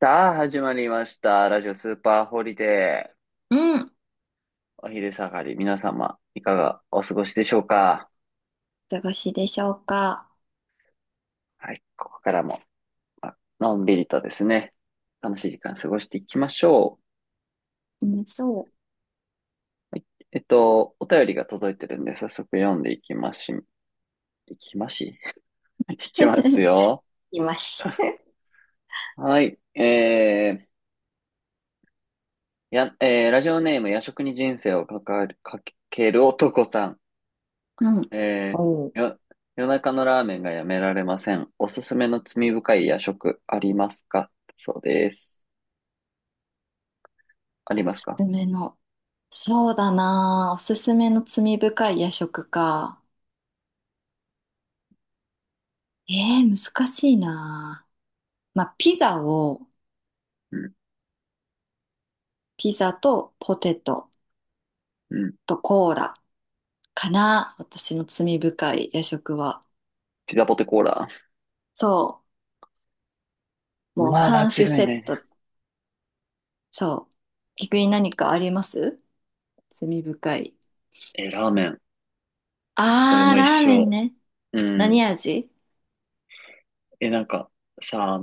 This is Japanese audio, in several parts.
さあ、始まりました。ラジオスーパーホリデー。うん。お昼下がり、皆様、いかがお過ごしでしょうか。お過ごしでしょうか。はい、ここからも、まあのんびりとですね、楽しい時間過ごしていきましょうん、そう。はい、お便りが届いてるんで、早速読んでいきますし、いきますし、いう。きます よ。います。はい、えー、や、えーラジオネーム、夜食に人生をかかる、かける男さん。うん。えおう。ー、よ、夜中のラーメンがやめられません。おすすめの罪深い夜食ありますか？そうです。ありおますすか？すめの。そうだなあ。おすすめの罪深い夜食か。えー、難しいなあ。まあ、ピザを、うん、ピザとポテトうん。とコーラかな。私の罪深い夜食は。ピザポテコーラ。そう。もうまあ、間3違種いセなッいね。ト。そう。逆に何かあります？罪深い。えー、ラーメン。俺あー、も一ラーメン緒。ね。うん。何味？なんか、さ、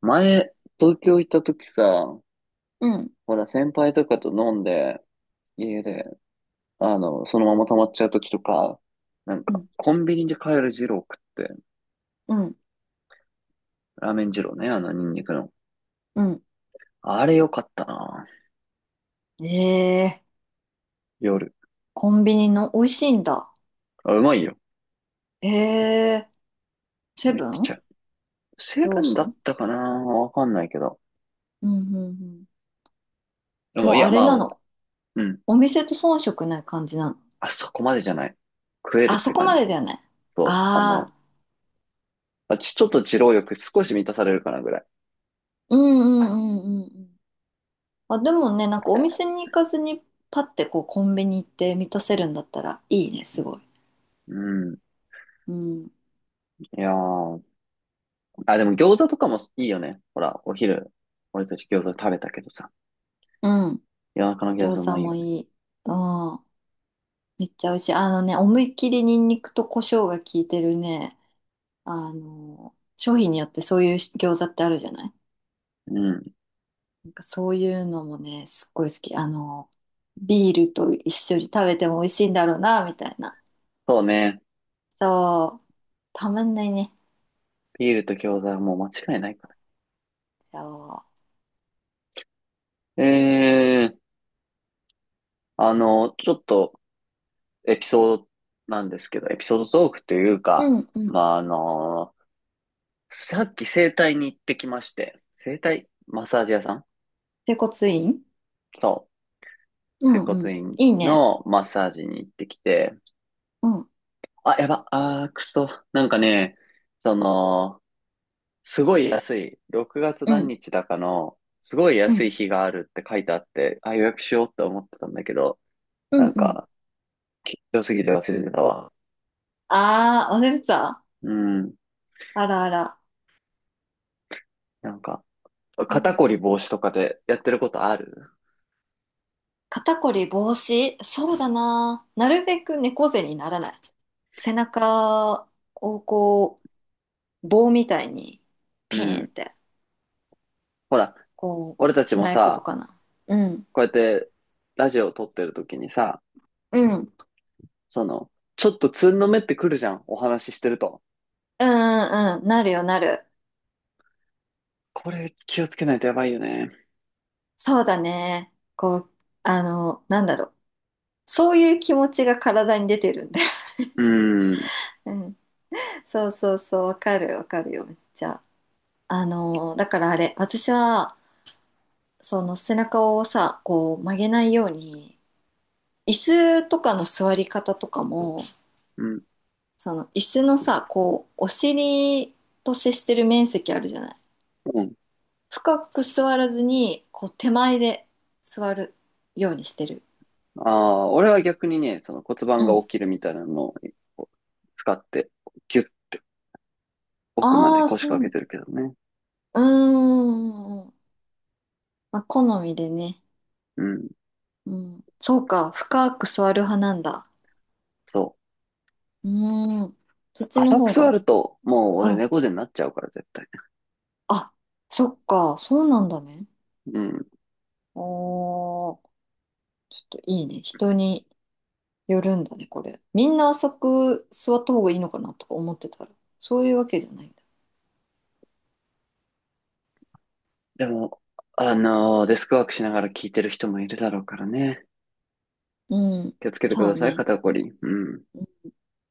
前、東京行った時さ、うんほら、先輩とかと飲んで、家で、そのまま溜まっちゃう時とか、なんうか、ん、コンビニで買える二郎食って、うん、ラーメン二郎ね、あの、ニンニクの。うん。あれ良かったな。ええ、夜。コンビニの美味しいんだ。あ、うまいよ。ええ、セめっブちン、ゃ。セブローンソだっン、たかな、わかんないけど。うん、うん、うん。でも、いもうや、あれまなあ、の。うん。お店と遜色ない感じなの。あそこまでじゃない。食えるっあそてこ感まじ。でだよね。そう。ああの、あ、ちょっと二郎欲少し満たされるかなぐらい。うん、うん、うん、うんうん。あ、でもね、なんかお店に行かずにパッてこうコンビニ行って満たせるんだったらいいね、すごい。うん。うん、いやー。あ、でも餃子とかもいいよね。ほら、お昼、俺たち餃子食べたけどさ。うん。夜中の餃子う餃子まいよもね。いい。うん。めっちゃ美味しい。あのね、思いっきりニンニクと胡椒が効いてるね。あの、商品によってそういう餃子ってあるじゃない？うん。なんかそういうのもね、すっごい好き。あの、ビールと一緒に食べても美味しいんだろうな、みたいな。そうね。そう、たまんないね。ビールと餃子はもう間違いないかそら。あの、ちょっとエピソードなんですけど、エピソードトークというう。か、うんうん。まあ、あのさっき整体に行ってきまして、整体マッサージ屋さん整骨院。そうう。整んう骨ん。院いいね。のマッサージに行ってきて、うんあ、やば、あー、くそ。なんかね、その、すごい安い、6月う何ん日だかの、すごいう安んい日があるって書いてあって、あ、予約しようって思ってたんだけど、うなんんうん。か、緊張すぎて忘れてたわ。あー、忘れてた。うん。あらあら。なんか、う肩ん、こり防止とかでやってることある？肩こり防止そうだな。なるべく猫背にならない。背中をこ、棒みたいにうピーンっん。て、ほら、こ俺たうちしもないことさ、かな。うん。こうやってラジオを撮ってる時にさ、うん。うんうその、ちょっとつんのめってくるじゃん、お話ししてると。んうん、なるよなる。これ気をつけないとやばいよね。そうだね。こう、なんだろう。そういう気持ちが体に出てるんだよ。うーん、うん。そうそうそう。わかるわかるよ。じゃあ、だからあれ、私は、その背中をさ、こう曲げないように、椅子とかの座り方とかも、うん、その椅子のさ、こう、お尻と接してる面積あるじゃない。うん。深く座らずに、こう手前で座るようにしてる。ああ、俺は逆にね、その骨う盤が起ん。きるみたいなのをこう使って、ギュッて奥までああ、腰そ掛けう。てるけどね。うーん。まあ、好みでね。うん、うん。そうか、深く座る派なんだ。そうーん。そっう。ちの浅く方座が。ると、もうう俺ん。猫背になっちゃうから絶対あ、そっか、そうなんだね。ね。うん。おー、ちょっといいね。人によるんだね、これ。みんな浅く座った方がいいのかなとか思ってたら、そういうわけじゃないんだ。でも、デスクワークしながら聞いてる人もいるだろうからね。うん。気をつけてくそだうさい、ね。肩こり。うん。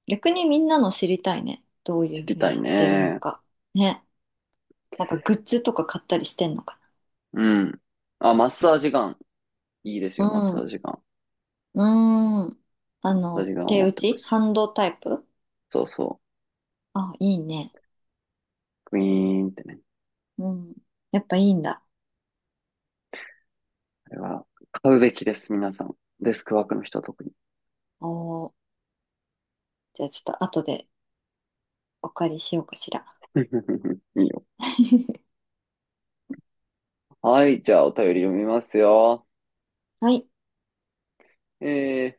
逆にみんなの知りたいね。どうい知うふりうたにいやってるのね。か。ね。なんかグッズとか買ったりしてんのかうん。あ、マッサージガン。いいですよ、マッサな。ージガン。うん。うん。マッサージガンを手持っ打てまちハす。ンドタイプ。そうそう。あ、いいね。クイーンってね。うん。やっぱいいんだ。あれは、買うべきです、皆さん。デスクワークの人は特に。おー。じゃあちょっと後でお借りしようかしら。いいよ。はい、じゃあお便り読みますよ。はい。え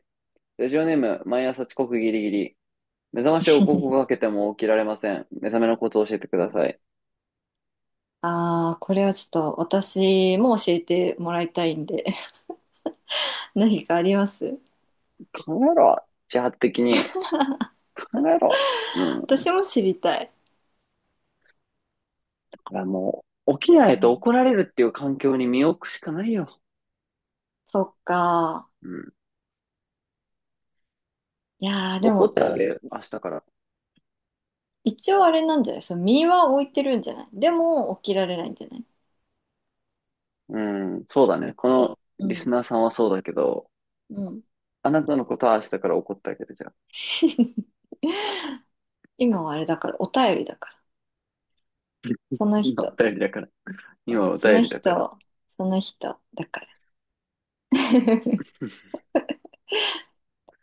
ー、ラジオネーム、毎朝遅刻ギリギリ。目覚ましを5個かけても起きられません。目覚めのことを教えてください。ああ、これはちょっと私も教えてもらいたいんで、 何かあります？考えろ。自発的に。考えろ。うん。だ私も知りたい。からもう、起きなういとん、怒られるっていう環境に身を置くしかないよ。そっか。うん。いやー、で怒っもてあげる、明日から。一応あれなんじゃない？その身は置いてるんじゃない？でも起きられないんじゃない？うん、そうだね。このうリスん。ナーさんはそうだけど、うん。あなたのことは明日から怒ってあげるじゃん。今はあれだから、お便りだから。その今お人、便りだから。今おそ便のりだから。人、その人だから。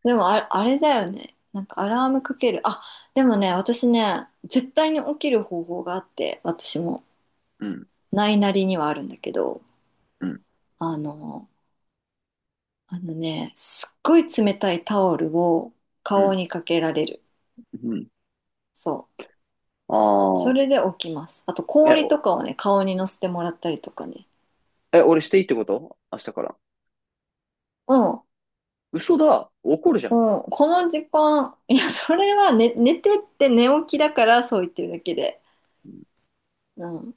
でもあれ、あれだよね。なんかアラームかける。あ、でもね、私ね、絶対に起きる方法があって、私もうん、ないなりにはあるんだけど、うん、あの、あのね、すっごい冷たいタオルをう顔ん、にかけられる。うん。そう。そあれで起きます。あとあ。氷とかをね、顔にのせてもらったりとかね。え、俺していいってこと明日から。うん。嘘だ。怒るじゃうん。ん。この時間、いや、それは寝てって寝起きだからそう言ってるだけで。うん。うん。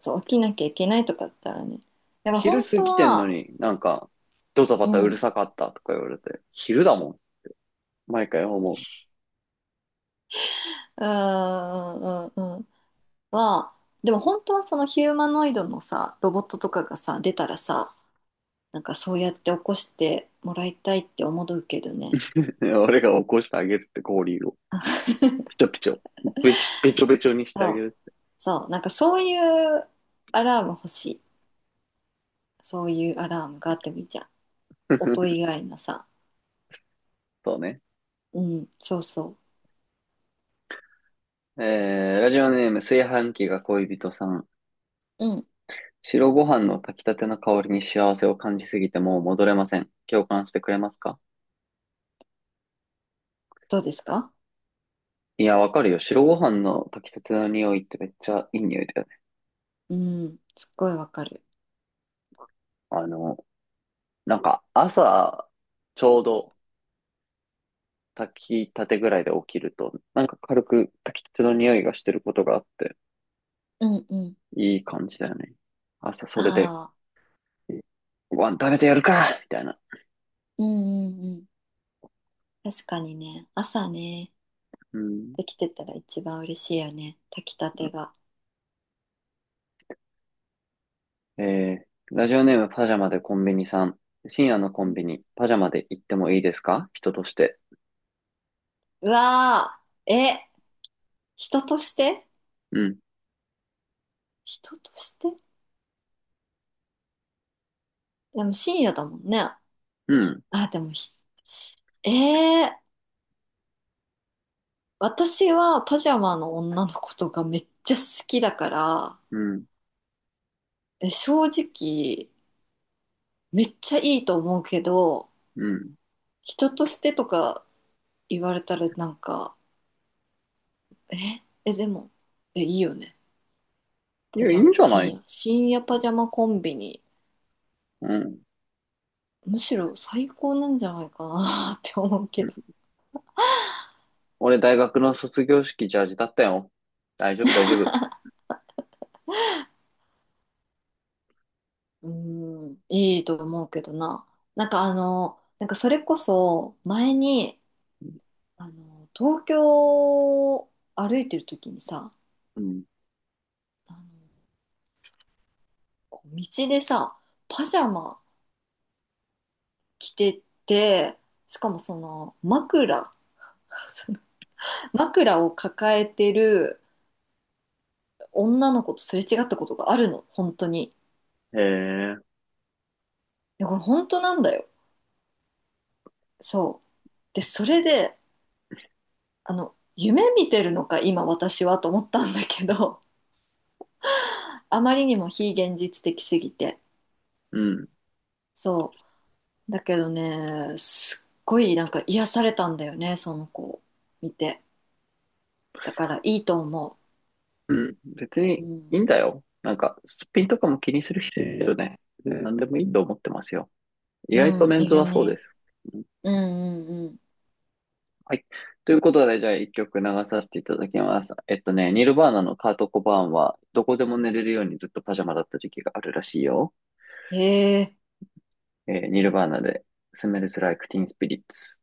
そう、起きなきゃいけないとかだったらね。だから昼本過当ぎてんのは、になんか、ドタバうタうるん。さかったとか言われて、昼だもん。毎回思うーん、うん、うん。は、でも本当はそのヒューマノイドのさ、ロボットとかがさ、出たらさ、なんかそうやって起こしてもらいたいって思うけどね。う。俺が起こしてあげるって氷を。ピチョピチョ。べちょべちょにしてあそげう、る。そう、なんかそういうアラーム欲しい。そういうアラームがあってもいいじゃん。音 以外のさ。そうね。うん、そうそえー、ラジオネーム、炊飯器が恋人さん。う。うん、白ご飯の炊きたての香りに幸せを感じすぎてもう戻れません。共感してくれますか？どうですか？いや、わかるよ。白ご飯の炊きたての匂いってめっちゃいい匂いだよね。うん、すっごいわかる。あの、なんか朝、ちょうど炊きたてぐらいで起きると、なんか軽く炊きたての匂いがしてることがあって、うんうん。いい感じだよね。朝それで、ああ、ご飯食べてやるかみたいな。うんうんうん。確かにね、朝ね、うん。できてたら一番嬉しいよね。炊きたてが。えーラジオネームパジャマでコンビニさん。深夜のコうンん、ビニ、パジャマで行ってもいいですか？人として。うわー、え、人として？うん、人として？でも深夜だもんね。うん、あ、でもひ、えー、私はパジャマの女の子とかめっちゃ好きだから、うん、え正直、めっちゃいいと思うけど、うん。人としてとか言われたらなんか、え、え、でも、え、いいよね。いパや、いジいャんマ、じゃな深い？夜、深夜パジャマコンビニ、うん、むしろ最高なんじゃないかな って思ううけん。ど。俺、大学の卒業式ジャージだったよ。大丈夫、大丈夫。うーん、いいと思うけどな。なんかあの、なんかそれこそ前に、あの、東京を歩いてる時にさ、うん。あの、こう道でさ、パジャマ着てて、しかもその枕を抱えてる女の子とすれ違ったことがあるの、本当に。いへえ、や、これ本当なんだよ。そう。で、それで、あの、夢見てるのか、今私はと思ったんだけど、あまりにも非現実的すぎて。うん、そう。だけどね、すっごいなんか癒されたんだよね、その子を見て。だからいいと思うん。別にう。ういん。いんだよ。なんか、すっぴんとかも気にする人いるよね。うん。何でもいいと思ってますよ。意外とうん、メンいズるはそうでね。す。うんうんうはい。ということで、じゃあ一曲流させていただきます。えっとね、ニルバーナのカート・コバーンは、どこでも寝れるようにずっとパジャマだった時期があるらしいよ。ん。へえ。えーニルバーナで、スメルズ・ライク・ティン・スピリッツ。